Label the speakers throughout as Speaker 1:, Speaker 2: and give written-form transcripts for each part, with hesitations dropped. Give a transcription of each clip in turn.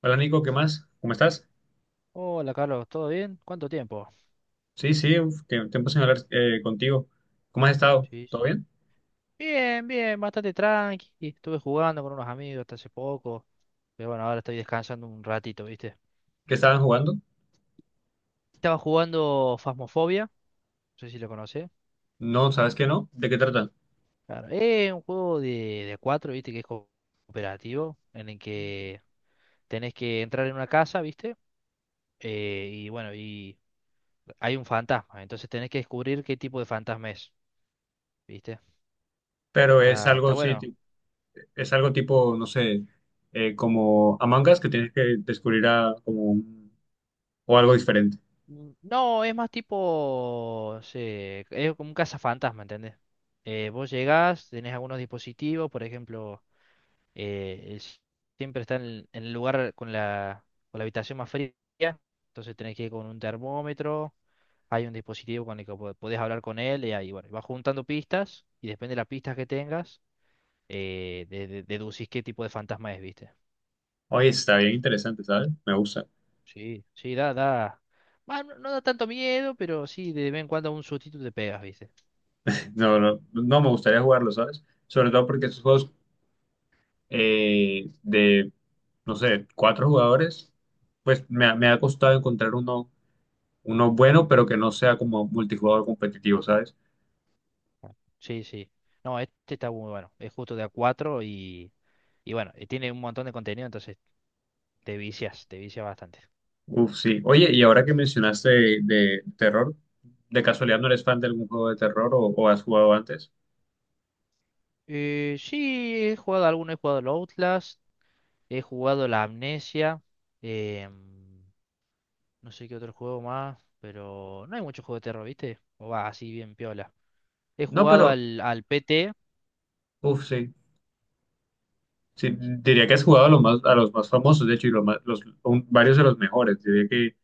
Speaker 1: Hola Nico, ¿qué más? ¿Cómo estás?
Speaker 2: Hola Carlos, ¿todo bien? ¿Cuánto tiempo?
Speaker 1: Sí, sí, uf, que tiempo sin hablar contigo. ¿Cómo has estado?
Speaker 2: Sí,
Speaker 1: ¿Todo
Speaker 2: sí.
Speaker 1: bien?
Speaker 2: Bien, bien, bastante tranqui. Estuve jugando con unos amigos hasta hace poco. Pero bueno, ahora estoy descansando un ratito, ¿viste?
Speaker 1: ¿Qué estaban jugando?
Speaker 2: Estaba jugando Phasmophobia, no sé si lo conocés.
Speaker 1: No, ¿sabes qué no? ¿De qué tratan?
Speaker 2: Claro, es un juego de cuatro, ¿viste? Que es cooperativo, en el que tenés que entrar en una casa, ¿viste? Y bueno, y hay un fantasma, entonces tenés que descubrir qué tipo de fantasma es, ¿viste?
Speaker 1: Pero es
Speaker 2: Está
Speaker 1: algo, sí,
Speaker 2: bueno.
Speaker 1: es algo tipo, no sé, como Among Us que tienes que descubrir a, o algo diferente.
Speaker 2: No, es más tipo. Es como un cazafantasma, ¿entendés? Vos llegás, tenés algunos dispositivos, por ejemplo, eh, es- siempre está en el lugar con la habitación más fría, entonces tenés que ir con un termómetro, hay un dispositivo con el que podés hablar con él, y ahí, bueno, vas juntando pistas, y depende de las pistas que tengas, deducís qué tipo de fantasma es, ¿viste?
Speaker 1: Oye, está bien interesante, ¿sabes? Me gusta.
Speaker 2: Sí, sí, da, da. Bueno no, no da tanto miedo, pero sí, de vez en cuando un sustito te pegas, ¿viste?
Speaker 1: No, no, no me gustaría jugarlo, ¿sabes? Sobre todo porque estos juegos eh, de, no sé, cuatro jugadores, pues me ha costado encontrar uno bueno, pero que no sea como multijugador competitivo, ¿sabes?
Speaker 2: Sí, sí. No, este está muy bueno. Es justo de a 4 y bueno, y tiene un montón de contenido, entonces te vicias bastante.
Speaker 1: Uf, sí. Oye, y ahora que mencionaste de terror, ¿de casualidad no eres fan de algún juego de terror o has jugado antes?
Speaker 2: Sí, he jugado alguno, he jugado el Outlast, he jugado la Amnesia, em, no sé qué otro juego más, pero no hay mucho juego de terror, ¿viste? O va así bien piola. He
Speaker 1: No,
Speaker 2: jugado
Speaker 1: pero,
Speaker 2: al, al PT.
Speaker 1: uf, sí. Sí, diría que has jugado a los más famosos, de hecho, y los más- los, un- varios de los mejores. Diría que,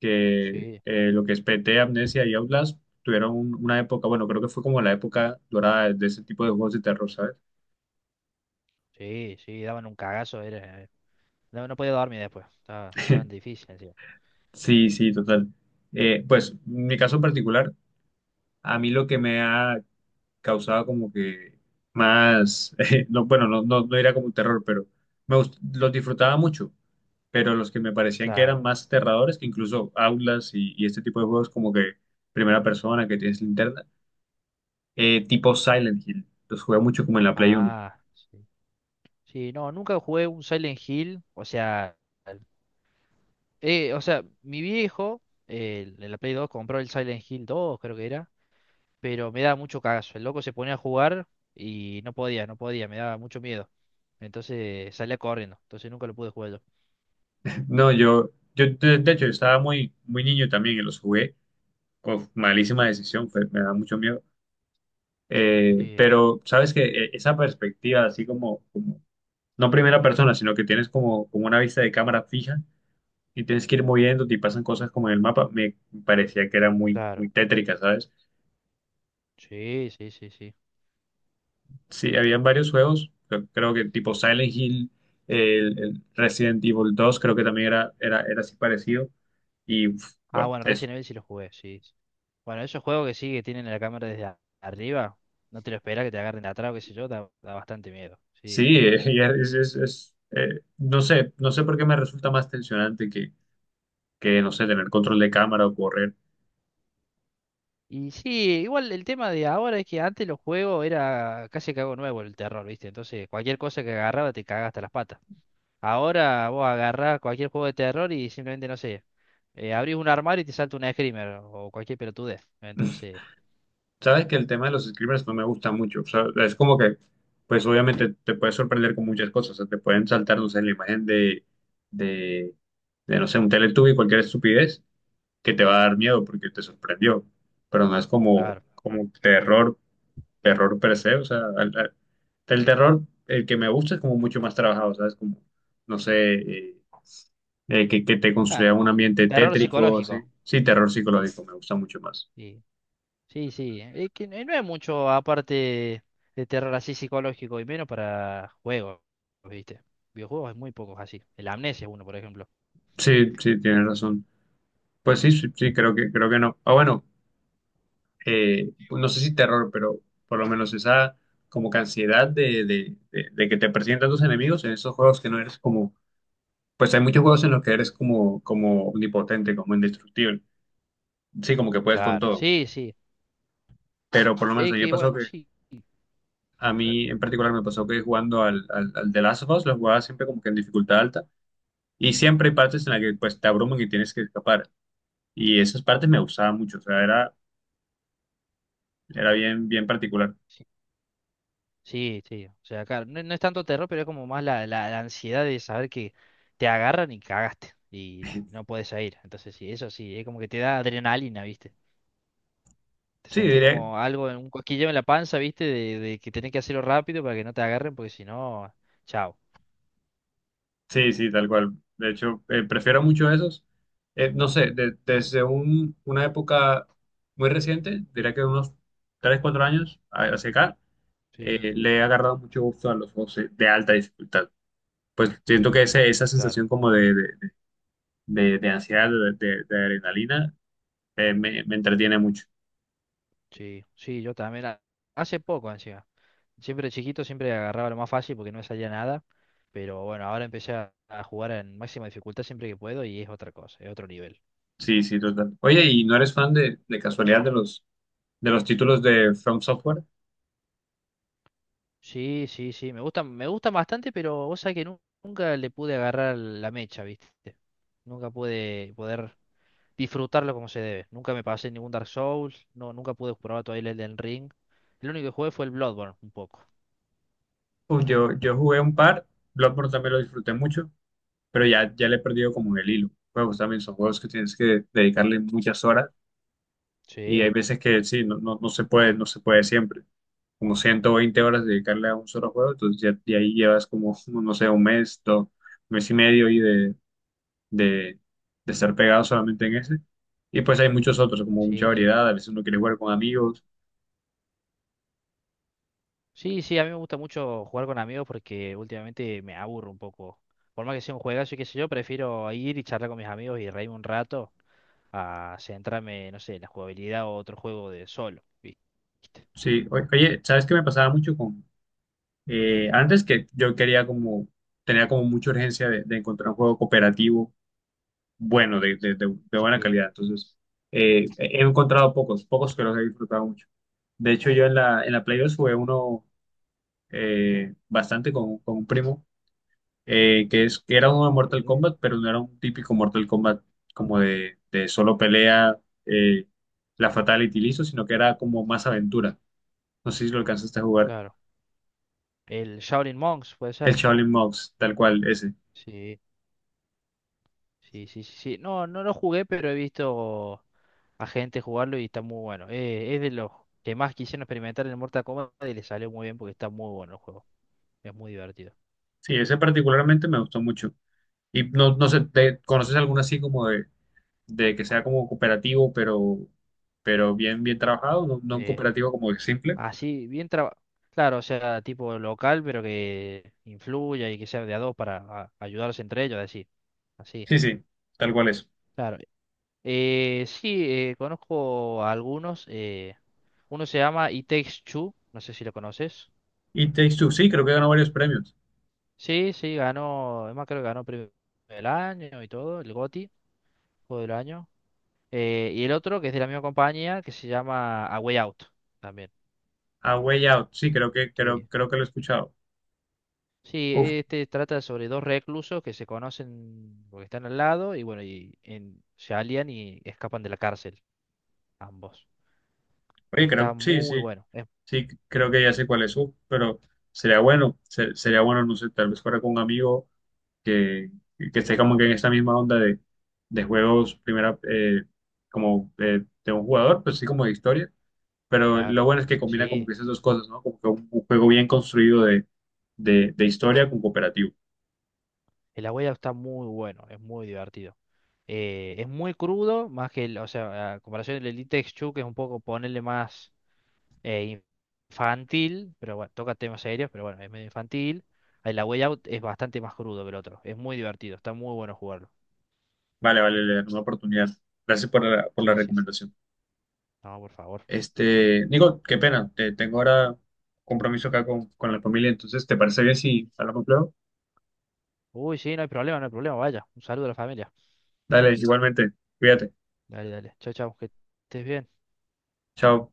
Speaker 1: que
Speaker 2: Sí,
Speaker 1: lo que es PT, Amnesia y Outlast tuvieron una época, bueno, creo que fue como la época dorada de ese tipo de juegos de terror, ¿sabes?
Speaker 2: sí, sí, daban un cagazo, era, no, no podía dormir después, estaba, estaban difíciles, encima.
Speaker 1: Sí, sí, total. En mi caso en particular, a mí lo que me ha causaba como que más, no, bueno, no, no, no era como un terror, pero los disfrutaba mucho, pero los que me parecían que
Speaker 2: Claro.
Speaker 1: eran más aterradores, que incluso Aulas y este tipo de juegos como que primera persona que tienes linterna, tipo Silent Hill, los jugué mucho como en la Play uno.
Speaker 2: Ah, sí. Sí, no, nunca jugué un Silent Hill. O sea, mi viejo, en la Play 2, compró el Silent Hill 2, creo que era. Pero me daba mucho cagazo. El loco se ponía a jugar y no podía, no podía, me daba mucho miedo. Entonces salía corriendo. Entonces nunca lo pude jugar yo.
Speaker 1: No, yo, de hecho, yo estaba muy, muy niño también y los jugué. Uf, malísima decisión, me da mucho miedo.
Speaker 2: Sí,
Speaker 1: Pero sabes que esa perspectiva, así como no primera persona, sino que tienes como una vista de cámara fija y tienes que ir moviéndote y pasan cosas como en el mapa, me parecía que era muy,
Speaker 2: claro.
Speaker 1: muy tétrica, ¿sabes?
Speaker 2: Sí, sí, sí, sí.
Speaker 1: Sí, habían varios juegos, creo que tipo Silent Hill, el Resident Evil 2 creo que también era así parecido. Y uf,
Speaker 2: Ah,
Speaker 1: bueno,
Speaker 2: bueno,
Speaker 1: es,
Speaker 2: Resident Evil sí lo jugué, sí, sí. Bueno, esos juegos que sí, que tienen la cámara desde arriba, no te lo esperas que te agarren de atrás o qué sé yo, da, da bastante miedo. Sí,
Speaker 1: sí, es, no sé, no sé por qué me resulta más tensionante que, no sé, tener control de cámara o correr.
Speaker 2: y sí, igual el tema de ahora es que antes los juegos era casi que algo nuevo el terror, ¿viste? Entonces cualquier cosa que agarraba te cagaba hasta las patas. Ahora vos agarrás cualquier juego de terror y simplemente, no sé, abrís un armario y te salta un screamer o cualquier pelotudez. Entonces,
Speaker 1: Sabes que el tema de los screamers no me gusta mucho. O sea, es como que, pues obviamente te puedes sorprender con muchas cosas. O sea, te pueden saltar, no sé, la imagen de, de, no sé, un Teletubby, cualquier estupidez, que te va a dar miedo porque te sorprendió. Pero no es como,
Speaker 2: claro,
Speaker 1: como terror, terror per se. O sea, el terror, el que me gusta es como mucho más trabajado, ¿sabes? Como, no sé, que te construya
Speaker 2: claro.
Speaker 1: un ambiente
Speaker 2: Terror
Speaker 1: tétrico, así.
Speaker 2: psicológico.
Speaker 1: Sí, terror
Speaker 2: Sí,
Speaker 1: psicológico me gusta mucho más.
Speaker 2: sí, sí, sí. Es que no hay mucho aparte de terror así psicológico y menos para juegos, ¿viste? Videojuegos hay muy pocos así. El Amnesia es uno, por ejemplo.
Speaker 1: Sí, sí, tienes razón. Pues sí, sí, sí, creo que no. Ah, bueno, pues no sé si terror, pero por lo menos esa como que ansiedad de que te presentan tus enemigos en esos juegos que no eres como, pues hay muchos juegos en los que eres como, como omnipotente, como indestructible. Sí, como que puedes con
Speaker 2: Claro,
Speaker 1: todo.
Speaker 2: sí, sí.
Speaker 1: Pero por lo menos a
Speaker 2: Es
Speaker 1: mí me
Speaker 2: que
Speaker 1: pasó
Speaker 2: bueno,
Speaker 1: que,
Speaker 2: sí,
Speaker 1: a
Speaker 2: eh,
Speaker 1: mí en particular me pasó que jugando al The Last of Us, lo jugaba siempre como que en dificultad alta. Y siempre hay partes en las que pues te abruman y tienes que escapar. Y esas partes me gustaban mucho, o sea, era, era bien, bien particular.
Speaker 2: sí, sí, sí. O sea, claro, no, no es tanto terror, pero es como más la ansiedad de saber que te agarran y cagaste y no puedes salir. Entonces, sí, eso sí, es como que te da adrenalina, ¿viste? Te
Speaker 1: Sí,
Speaker 2: sentís
Speaker 1: diría,
Speaker 2: como algo, en un cosquilleo en la panza, ¿viste? De que tenés que hacerlo rápido para que no te agarren, porque si no, chao.
Speaker 1: sí, sí, tal cual. De hecho, prefiero mucho esos. No sé, desde una época muy reciente, diría que unos 3, 4 años hacia acá,
Speaker 2: Sí,
Speaker 1: le he agarrado mucho gusto a los juegos de alta dificultad. Pues siento que esa
Speaker 2: claro,
Speaker 1: sensación como de ansiedad, de adrenalina, me entretiene mucho.
Speaker 2: sí, sí, yo también. Hace poco, así. Siempre chiquito, siempre agarraba lo más fácil porque no me salía nada. Pero bueno, ahora empecé a jugar en máxima dificultad siempre que puedo y es otra cosa, es otro nivel.
Speaker 1: Sí, sí, total. Oye, ¿y no eres fan de casualidad de los títulos de From Software?
Speaker 2: Sí, sí, sí, me gustan bastante, pero vos sabés que nunca le pude agarrar la mecha, ¿viste? Nunca pude poder disfrutarlo como se debe. Nunca me pasé ningún Dark Souls, no, nunca pude probar todavía el Elden Ring. El único que jugué fue el Bloodborne, un poco.
Speaker 1: Uf, yo jugué un par, Bloodborne también lo disfruté mucho. Pero ya le he perdido como el hilo. Juegos también son juegos que tienes que
Speaker 2: Claro.
Speaker 1: dedicarle muchas horas y hay
Speaker 2: Sí,
Speaker 1: veces que sí, no, no, no se puede, no se puede siempre. Como 120 horas dedicarle a un solo juego, entonces ya, de ahí llevas como, no sé, un mes, dos, mes y medio y de, de estar pegado solamente en ese. Y pues hay muchos otros, como mucha
Speaker 2: sí.
Speaker 1: variedad, a veces uno quiere jugar con amigos.
Speaker 2: Sí, sí, a mí me gusta mucho jugar con amigos porque últimamente me aburro un poco. Por más que sea un juegazo y qué sé yo, prefiero ir y charlar con mis amigos y reírme un rato a centrarme, no sé, en la jugabilidad o otro juego de solo, ¿viste?
Speaker 1: Sí, oye, ¿sabes qué me pasaba mucho con... antes que yo quería como, tenía como mucha urgencia de encontrar un juego cooperativo bueno, de buena
Speaker 2: Sí,
Speaker 1: calidad. Entonces, he encontrado pocos, pocos que los he disfrutado mucho. De hecho, yo en la Play 2 jugué uno bastante con un primo, que era uno de Mortal
Speaker 2: sí,
Speaker 1: Kombat, pero no era un típico Mortal Kombat como de solo pelea, eh, la Fatality listo, sino que era como más aventura. No sé si lo alcanzaste a jugar.
Speaker 2: claro. El Shaolin Monks, puede
Speaker 1: El
Speaker 2: ser.
Speaker 1: Shaolin Monks, tal cual, ese.
Speaker 2: Sí, sí, sí, sí, sí. No, no lo jugué, pero he visto a gente jugarlo y está muy bueno. Es de los que más quisieron experimentar en el Mortal Kombat y le salió muy bien porque está muy bueno el juego. Es muy divertido.
Speaker 1: Sí, ese particularmente me gustó mucho. Y no, no sé, ¿te conoces alguno así como de que sea como cooperativo, pero bien, bien trabajado, no, no un
Speaker 2: Sí.
Speaker 1: cooperativo como simple.
Speaker 2: Así, bien trabajado. Claro, o sea, tipo local, pero que influya y que sea de a dos para ayudarse entre ellos, así. Así,
Speaker 1: Sí, sí, tal cual es.
Speaker 2: claro. Sí, conozco a algunos. Uno se llama It Takes Two, no sé si lo conoces.
Speaker 1: Y Takes Two, sí, creo que ganó varios premios.
Speaker 2: Sí, sí, ganó, además creo que ganó premio del año y todo, el GOTY, juego del año. Y el otro, que es de la misma compañía, que se llama A Way Out, también.
Speaker 1: A Way Out, sí, creo que, creo,
Speaker 2: Que
Speaker 1: creo que lo he escuchado.
Speaker 2: sí,
Speaker 1: Uf,
Speaker 2: este trata sobre dos reclusos que se conocen porque están al lado y bueno, y se alían y escapan de la cárcel, ambos.
Speaker 1: oye,
Speaker 2: Está
Speaker 1: creo, sí,
Speaker 2: muy
Speaker 1: sí,
Speaker 2: bueno, es
Speaker 1: sí, creo que ya sé cuál es. Uf, pero sería bueno, sería bueno, no sé, tal vez fuera con un amigo que, que esté como que en esta misma onda de juegos, primera, como de un jugador, pues sí, como de historia, pero
Speaker 2: claro.
Speaker 1: lo bueno es que combina como
Speaker 2: Sí,
Speaker 1: que esas dos cosas, ¿no? Como que un juego bien construido de historia con cooperativo.
Speaker 2: el abuelo está muy bueno, es muy divertido. Es muy crudo, más que, o sea, a comparación del Elite Exchu, que es un poco ponerle más eh, infantil, pero bueno, toca temas serios, pero bueno, es medio infantil. El la Way Out es bastante más crudo que el otro, es muy divertido, está muy bueno jugarlo.
Speaker 1: Vale, vale, le daré una oportunidad. Gracias por la
Speaker 2: Sí, sí, sí.
Speaker 1: recomendación.
Speaker 2: No, por favor.
Speaker 1: Este, Nico, qué pena, te, tengo ahora compromiso acá con la familia, entonces, ¿te parece bien si hablamos luego?
Speaker 2: Uy, sí, no hay problema, no hay problema, vaya. Un saludo a la familia.
Speaker 1: Dale, igualmente, cuídate,
Speaker 2: Dale, dale. Chao, chao, que estés bien.
Speaker 1: chao.